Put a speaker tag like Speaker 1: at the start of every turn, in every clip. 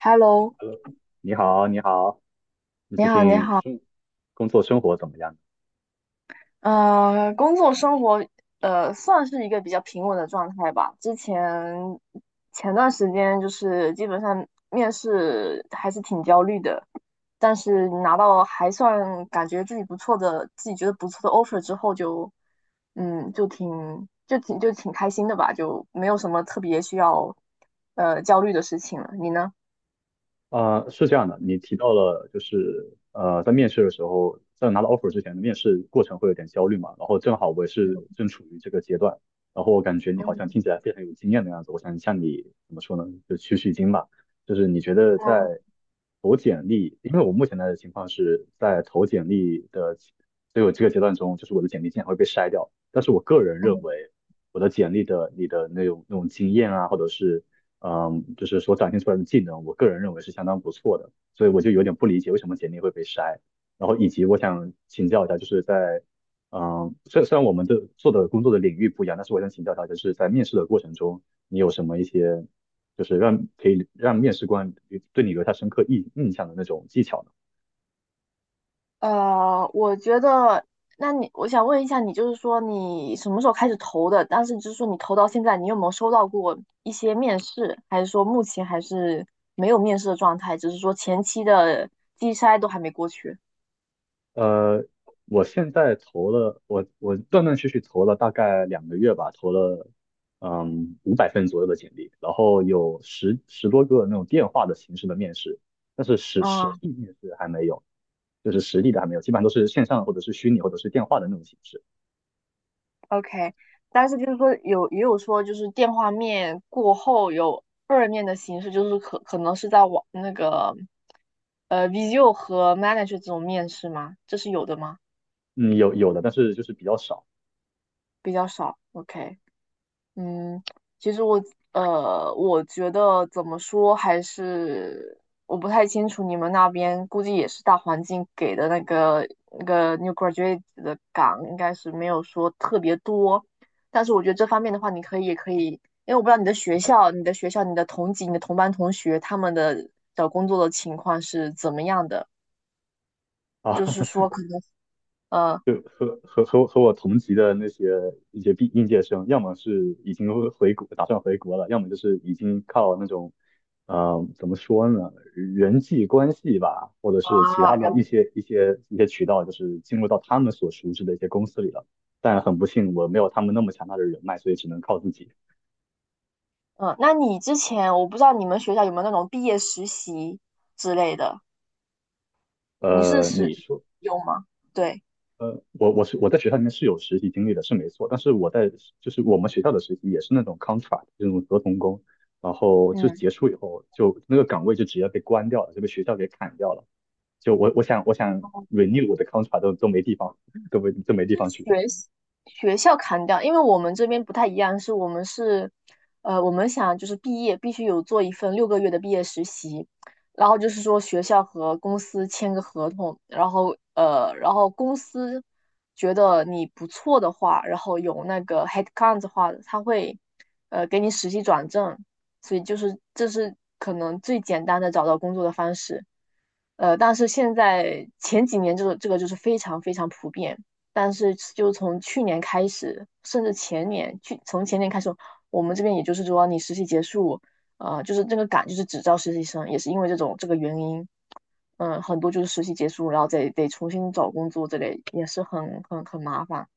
Speaker 1: Hello，
Speaker 2: h e 你好，你好，你
Speaker 1: 你
Speaker 2: 最
Speaker 1: 好，你
Speaker 2: 近
Speaker 1: 好，
Speaker 2: 生工作生活怎么样？
Speaker 1: 工作生活，算是一个比较平稳的状态吧。前段时间就是基本上面试还是挺焦虑的，但是拿到还算感觉自己不错的，自己觉得不错的 offer 之后就，嗯，就挺就挺开心的吧，就没有什么特别需要焦虑的事情了。你呢？
Speaker 2: 是这样的，你提到了就是在面试的时候，在拿到 offer 之前的面试过程会有点焦虑嘛，然后正好我也是正处于这个阶段，然后我感觉你好像听
Speaker 1: 嗯，
Speaker 2: 起来非常有经验的样子，我想向你怎么说呢，就取取经吧，就是你觉得
Speaker 1: 嗯。
Speaker 2: 在投简历，因为我目前的情况是在投简历的，所以我这个阶段中，就是我的简历经常会被筛掉，但是我个人认为我的简历的你的那种经验啊，或者是就是所展现出来的技能，我个人认为是相当不错的，所以我就有点不理解为什么简历会被筛。然后以及我想请教一下，就是在虽然我们的做的工作的领域不一样，但是我想请教一下，就是在面试的过程中，你有什么一些就是让可以让面试官对你留下深刻印象的那种技巧呢？
Speaker 1: 我觉得，我想问一下，你就是说你什么时候开始投的？但是就是说你投到现在，你有没有收到过一些面试？还是说目前还是没有面试的状态？只是说前期的机筛都还没过去。
Speaker 2: 呃，我现在投了，我断断续续投了大概2个月吧，投了500份左右的简历，然后有十多个那种电话的形式的面试，但是
Speaker 1: 嗯
Speaker 2: 实地面试还没有，就是实地的还没有，基本上都是线上或者是虚拟或者是电话的那种形式。
Speaker 1: ，OK。但是就是说有也有说就是电话面过后有二面的形式，就是可能是在那个Visio 和 Manager 这种面试吗？这是有的吗？
Speaker 2: 嗯，有的，但是就是比较少
Speaker 1: 比较少。OK。嗯，其实我觉得怎么说还是我不太清楚你们那边，估计也是大环境给的那个 new graduate 的岗，应该是没有说特别多。但是我觉得这方面的话，你可以也可以，因为我不知道你的学校、你的同级、你的同班同学他们的找工作的情况是怎么样的，就
Speaker 2: 啊。
Speaker 1: 是 说可能呃
Speaker 2: 和我同级的那些一些应届生，要么是已经回国，打算回国了，要么就是已经靠那种，呃，怎么说呢，人际关系吧，或者
Speaker 1: 啊
Speaker 2: 是其他的一
Speaker 1: 人
Speaker 2: 些一些一些渠道，就是进入到他们所熟知的一些公司里了。但很不幸，我没有他们那么强大的人脉，所以只能靠自己。
Speaker 1: 嗯，那你之前我不知道你们学校有没有那种毕业实习之类的。你是
Speaker 2: 呃，
Speaker 1: 使
Speaker 2: 你说
Speaker 1: 有吗？对，
Speaker 2: 我在学校里面是有实习经历的，是没错。但是我在就是我们学校的实习也是那种 contract 这种合同工，然后就
Speaker 1: 嗯，
Speaker 2: 结束以后就那个岗位就直接被关掉了，就被学校给砍掉了。就我我想我想 renew 我的 contract 都没地方，都没地
Speaker 1: 是
Speaker 2: 方去。
Speaker 1: 学学校砍掉，因为我们这边不太一样，是我们是，我们想就是毕业必须有做一份6个月的毕业实习，然后就是说学校和公司签个合同，然后然后公司觉得你不错的话，然后有那个 headcount 的话，他会给你实习转正，所以就是这是可能最简单的找到工作的方式。但是现在前几年这个就是非常非常普遍，但是就从去年开始，甚至前年，从前年开始，我们这边也就是说，你实习结束，就是这个岗就是只招实习生，也是因为这种这个原因，嗯，很多就是实习结束，然后再得重新找工作，这类也是很麻烦。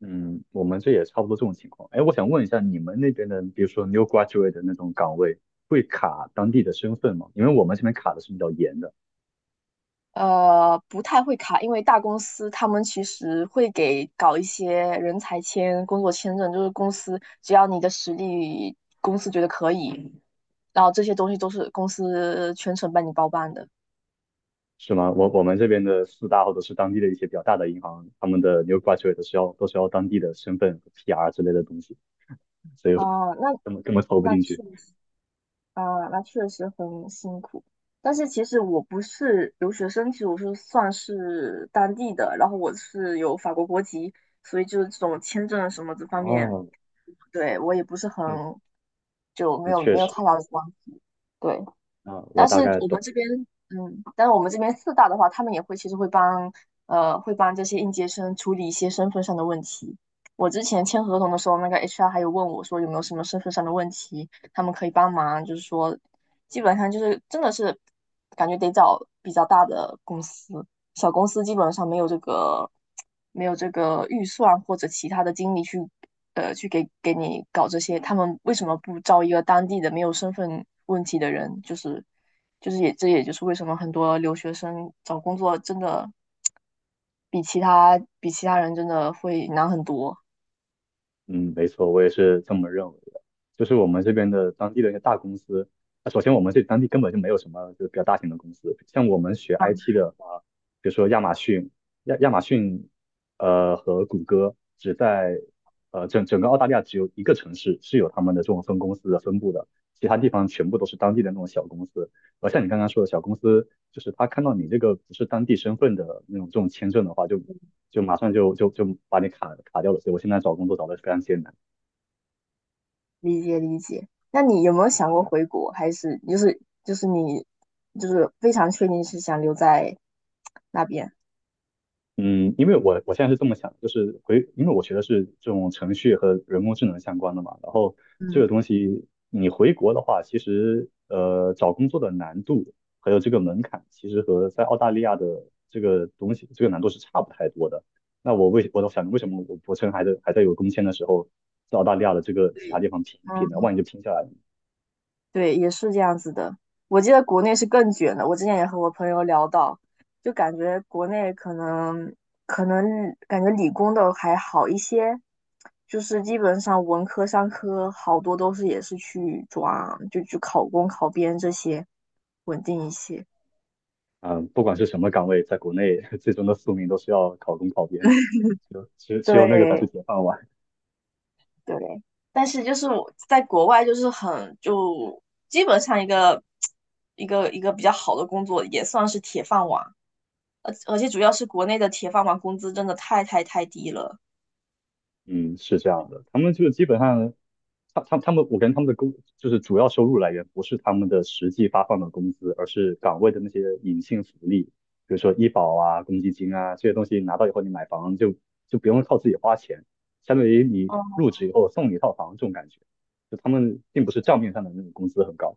Speaker 2: 嗯，我们这也差不多这种情况。哎，我想问一下你们那边的，比如说 new graduate 的那种岗位会卡当地的身份吗？因为我们这边卡的是比较严的。
Speaker 1: 不太会卡，因为大公司他们其实会给搞一些人才签、工作签证，就是公司只要你的实力，公司觉得可以，然后这些东西都是公司全程帮你包办的。
Speaker 2: 是吗？我们这边的四大或者是当地的一些比较大的银行，他们的 new graduate 都是要当地的身份和 PR 之类的东西，所以我
Speaker 1: 哦，
Speaker 2: 根本投不
Speaker 1: 那
Speaker 2: 进
Speaker 1: 确
Speaker 2: 去。
Speaker 1: 实那确实很辛苦。但是其实我不是留学生，其实我是算是当地的，然后我是有法国国籍，所以就是这种签证什么这方面，
Speaker 2: 哦，
Speaker 1: 对，我也不是很，
Speaker 2: 那
Speaker 1: 就没
Speaker 2: 那
Speaker 1: 有
Speaker 2: 确
Speaker 1: 没有
Speaker 2: 实，
Speaker 1: 太大的关系。对。
Speaker 2: 那我
Speaker 1: 但
Speaker 2: 大
Speaker 1: 是
Speaker 2: 概
Speaker 1: 我们
Speaker 2: 懂。
Speaker 1: 这边，但是我们这边四大的话，他们其实会帮这些应届生处理一些身份上的问题。我之前签合同的时候，那个 HR 还有问我说有没有什么身份上的问题，他们可以帮忙，就是说，基本上就是真的是感觉得找比较大的公司，小公司基本上没有这个预算或者其他的精力去。去给你搞这些，他们为什么不招一个当地的没有身份问题的人？就是也就是为什么很多留学生找工作真的比其他人真的会难很多。
Speaker 2: 嗯，没错，我也是这么认为的。就是我们这边的当地的一些大公司，那首先我们这当地根本就没有什么就是比较大型的公司，像我们学 IT 的话，比如说亚马逊，亚马逊，呃和谷歌只在呃整个澳大利亚只有一个城市是有他们的这种分公司的分布的，其他地方全部都是当地的那种小公司。而像你刚刚说的小公司，就是他看到你这个不是当地身份的那种这种签证的话，就马上就把你卡掉了。所以我现在找工作找的非常艰难。
Speaker 1: 理解理解。那你有没有想过回国？还是就是你非常确定是想留在那边？
Speaker 2: 嗯，因为我现在是这么想，就是回，因为我学的是这种程序和人工智能相关的嘛，然后这个
Speaker 1: 嗯，
Speaker 2: 东西你回国的话，其实呃找工作的难度还有这个门槛，其实和在澳大利亚的这个东西这个难度是差不太多的。那我都想为什么我趁还在有工签的时候，在澳大利亚的这个其他
Speaker 1: 对，
Speaker 2: 地方拼一拼呢？
Speaker 1: 嗯。
Speaker 2: 万一就拼下来了，
Speaker 1: 对，也是这样子的。我记得国内是更卷的，我之前也和我朋友聊到，就感觉国内可能感觉理工的还好一些，就是基本上文科、商科好多都是也是去抓，就去考公、考编这些稳定一些。
Speaker 2: 嗯，不管是什么岗位，在国内 最终的宿命都是要考公考编的，就只有那个才是
Speaker 1: 对
Speaker 2: 铁饭碗。
Speaker 1: 对，但是就是我在国外就是基本上一个 一个比较好的工作也算是铁饭碗。而且主要是国内的铁饭碗工资真的太低了。
Speaker 2: 嗯，是这样的，他们就基本上，他们，我感觉他们的就是主要收入来源不是他们的实际发放的工资，而是岗位的那些隐性福利，比如说医保啊、公积金啊这些东西拿到以后，你买房就不用靠自己花钱，相当于你
Speaker 1: 嗯
Speaker 2: 入职以后送你一套房这种感觉，就他们并不是账面上的那种工资很高。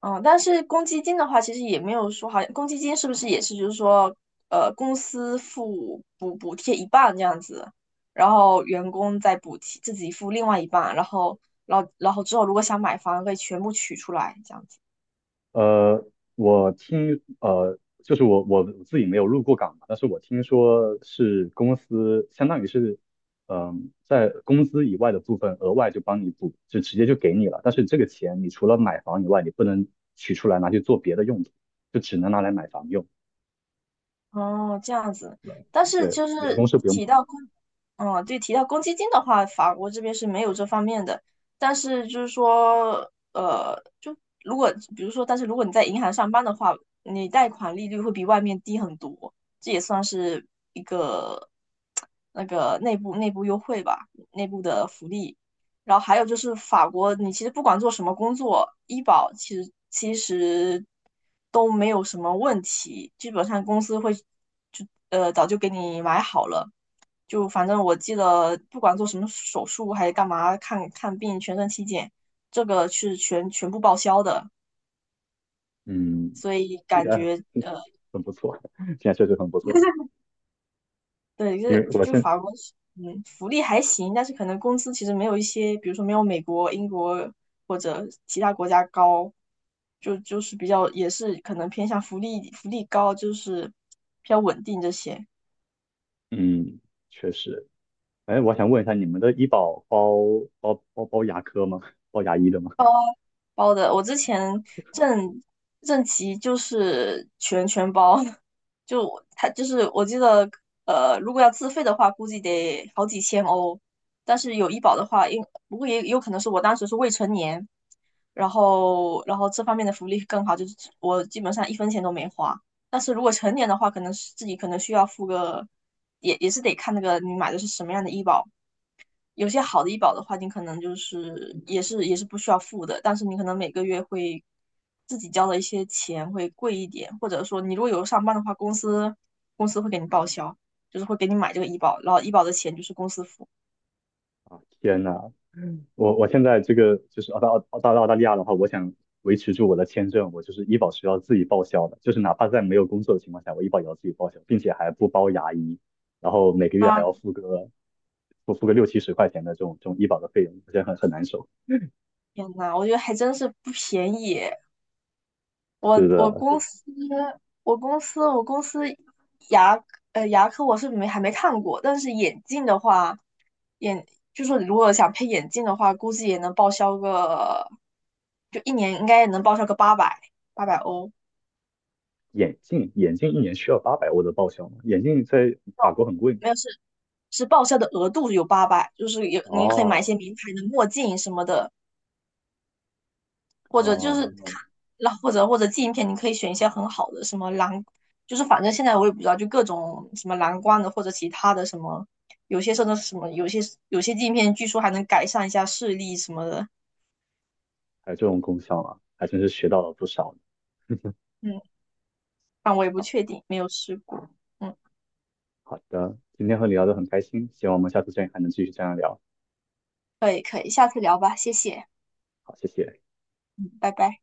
Speaker 1: 嗯，但是公积金的话，其实也没有说，好像公积金是不是也是就是说，公司付补贴一半这样子，然后员工再补贴自己付另外一半，然后之后如果想买房可以全部取出来这样子。
Speaker 2: 呃，我听呃，就是我我自己没有入过岗嘛，但是我听说是公司相当于是，嗯、在工资以外的部分额外就帮你补，就直接就给你了。但是这个钱你除了买房以外，你不能取出来拿去做别的用途，就只能拿来买房用。
Speaker 1: 哦，这样子。但是
Speaker 2: 对，
Speaker 1: 就
Speaker 2: 员
Speaker 1: 是
Speaker 2: 工是不用
Speaker 1: 提
Speaker 2: 补
Speaker 1: 到
Speaker 2: 的。
Speaker 1: 公，嗯，对，提到公积金的话，法国这边是没有这方面的。但是就是说，呃，就如果比如说，但是如果你在银行上班的话，你贷款利率会比外面低很多，这也算是一个 那个内部优惠吧，内部的福利。然后还有就是法国，你其实不管做什么工作，医保其实都没有什么问题，基本上公司会早就给你买好了。就反正我记得，不管做什么手术还是干嘛，看看病、全身体检，这个是全部报销的。
Speaker 2: 嗯，
Speaker 1: 所以
Speaker 2: 听起
Speaker 1: 感
Speaker 2: 来
Speaker 1: 觉
Speaker 2: 很不错，现在确实很不错。
Speaker 1: 对，就
Speaker 2: 因
Speaker 1: 是
Speaker 2: 为我现
Speaker 1: 法国是福利还行，但是可能工资其实没有一些，比如说没有美国、英国或者其他国家高，就是比较也是可能偏向福利，福利高就是比较稳定这些
Speaker 2: 嗯，确实，哎，我想问一下，你们的医保包牙科吗？包牙医的吗？
Speaker 1: 包的。我之前正正畸就是全包，就我他就是我记得，如果要自费的话，估计得好几千欧，但是有医保的话，不过也有可能是我当时是未成年。然后这方面的福利更好，就是我基本上一分钱都没花。但是如果成年的话，可能是自己可能需要付个，也是得看那个你买的是什么样的医保。有些好的医保的话，你可能就是也是不需要付的，但是你可能每个月会自己交的一些钱会贵一点，或者说你如果有上班的话，公司会给你报销，就是会给你买这个医保，然后医保的钱就是公司付。
Speaker 2: 啊天呐，我现在这个就是澳大利亚的话，我想维持住我的签证，我就是医保是要自己报销的，就是哪怕在没有工作的情况下，我医保也要自己报销，并且还不包牙医，然后每个月
Speaker 1: 啊，
Speaker 2: 还要付个60、70块钱的这种这种医保的费用，而且很难受。
Speaker 1: 天呐，我觉得还真是不便宜。我
Speaker 2: 是
Speaker 1: 我
Speaker 2: 的，
Speaker 1: 公
Speaker 2: 就
Speaker 1: 司我公司牙牙科我是没还没看过，但是眼镜的话，眼就说如果想配眼镜的话，估计也能报销个，就一年应该也能报销个八百欧，
Speaker 2: 眼镜1年需要800欧的报销吗？眼镜在法国很贵。
Speaker 1: 没有是报销的额度有八百，就是有你可以买一
Speaker 2: 哦
Speaker 1: 些名牌的墨镜什么的，或者就
Speaker 2: 哦，
Speaker 1: 是看，那或者镜片，你可以选一些很好的，什么蓝，就是反正现在我也不知道，就各种什么蓝光的或者其他的什么，有些甚至什么，有些有些镜片据说还能改善一下视力什么的，
Speaker 2: 还有这种功效啊，还真是学到了不少
Speaker 1: 嗯，但我也不
Speaker 2: 啊。
Speaker 1: 确定，没有试过，嗯，
Speaker 2: 好的，今天和你聊得很开心，希望我们下次见还能继续这样聊。
Speaker 1: 可以可以，下次聊吧，谢谢，
Speaker 2: 好，谢谢。
Speaker 1: 嗯，拜拜。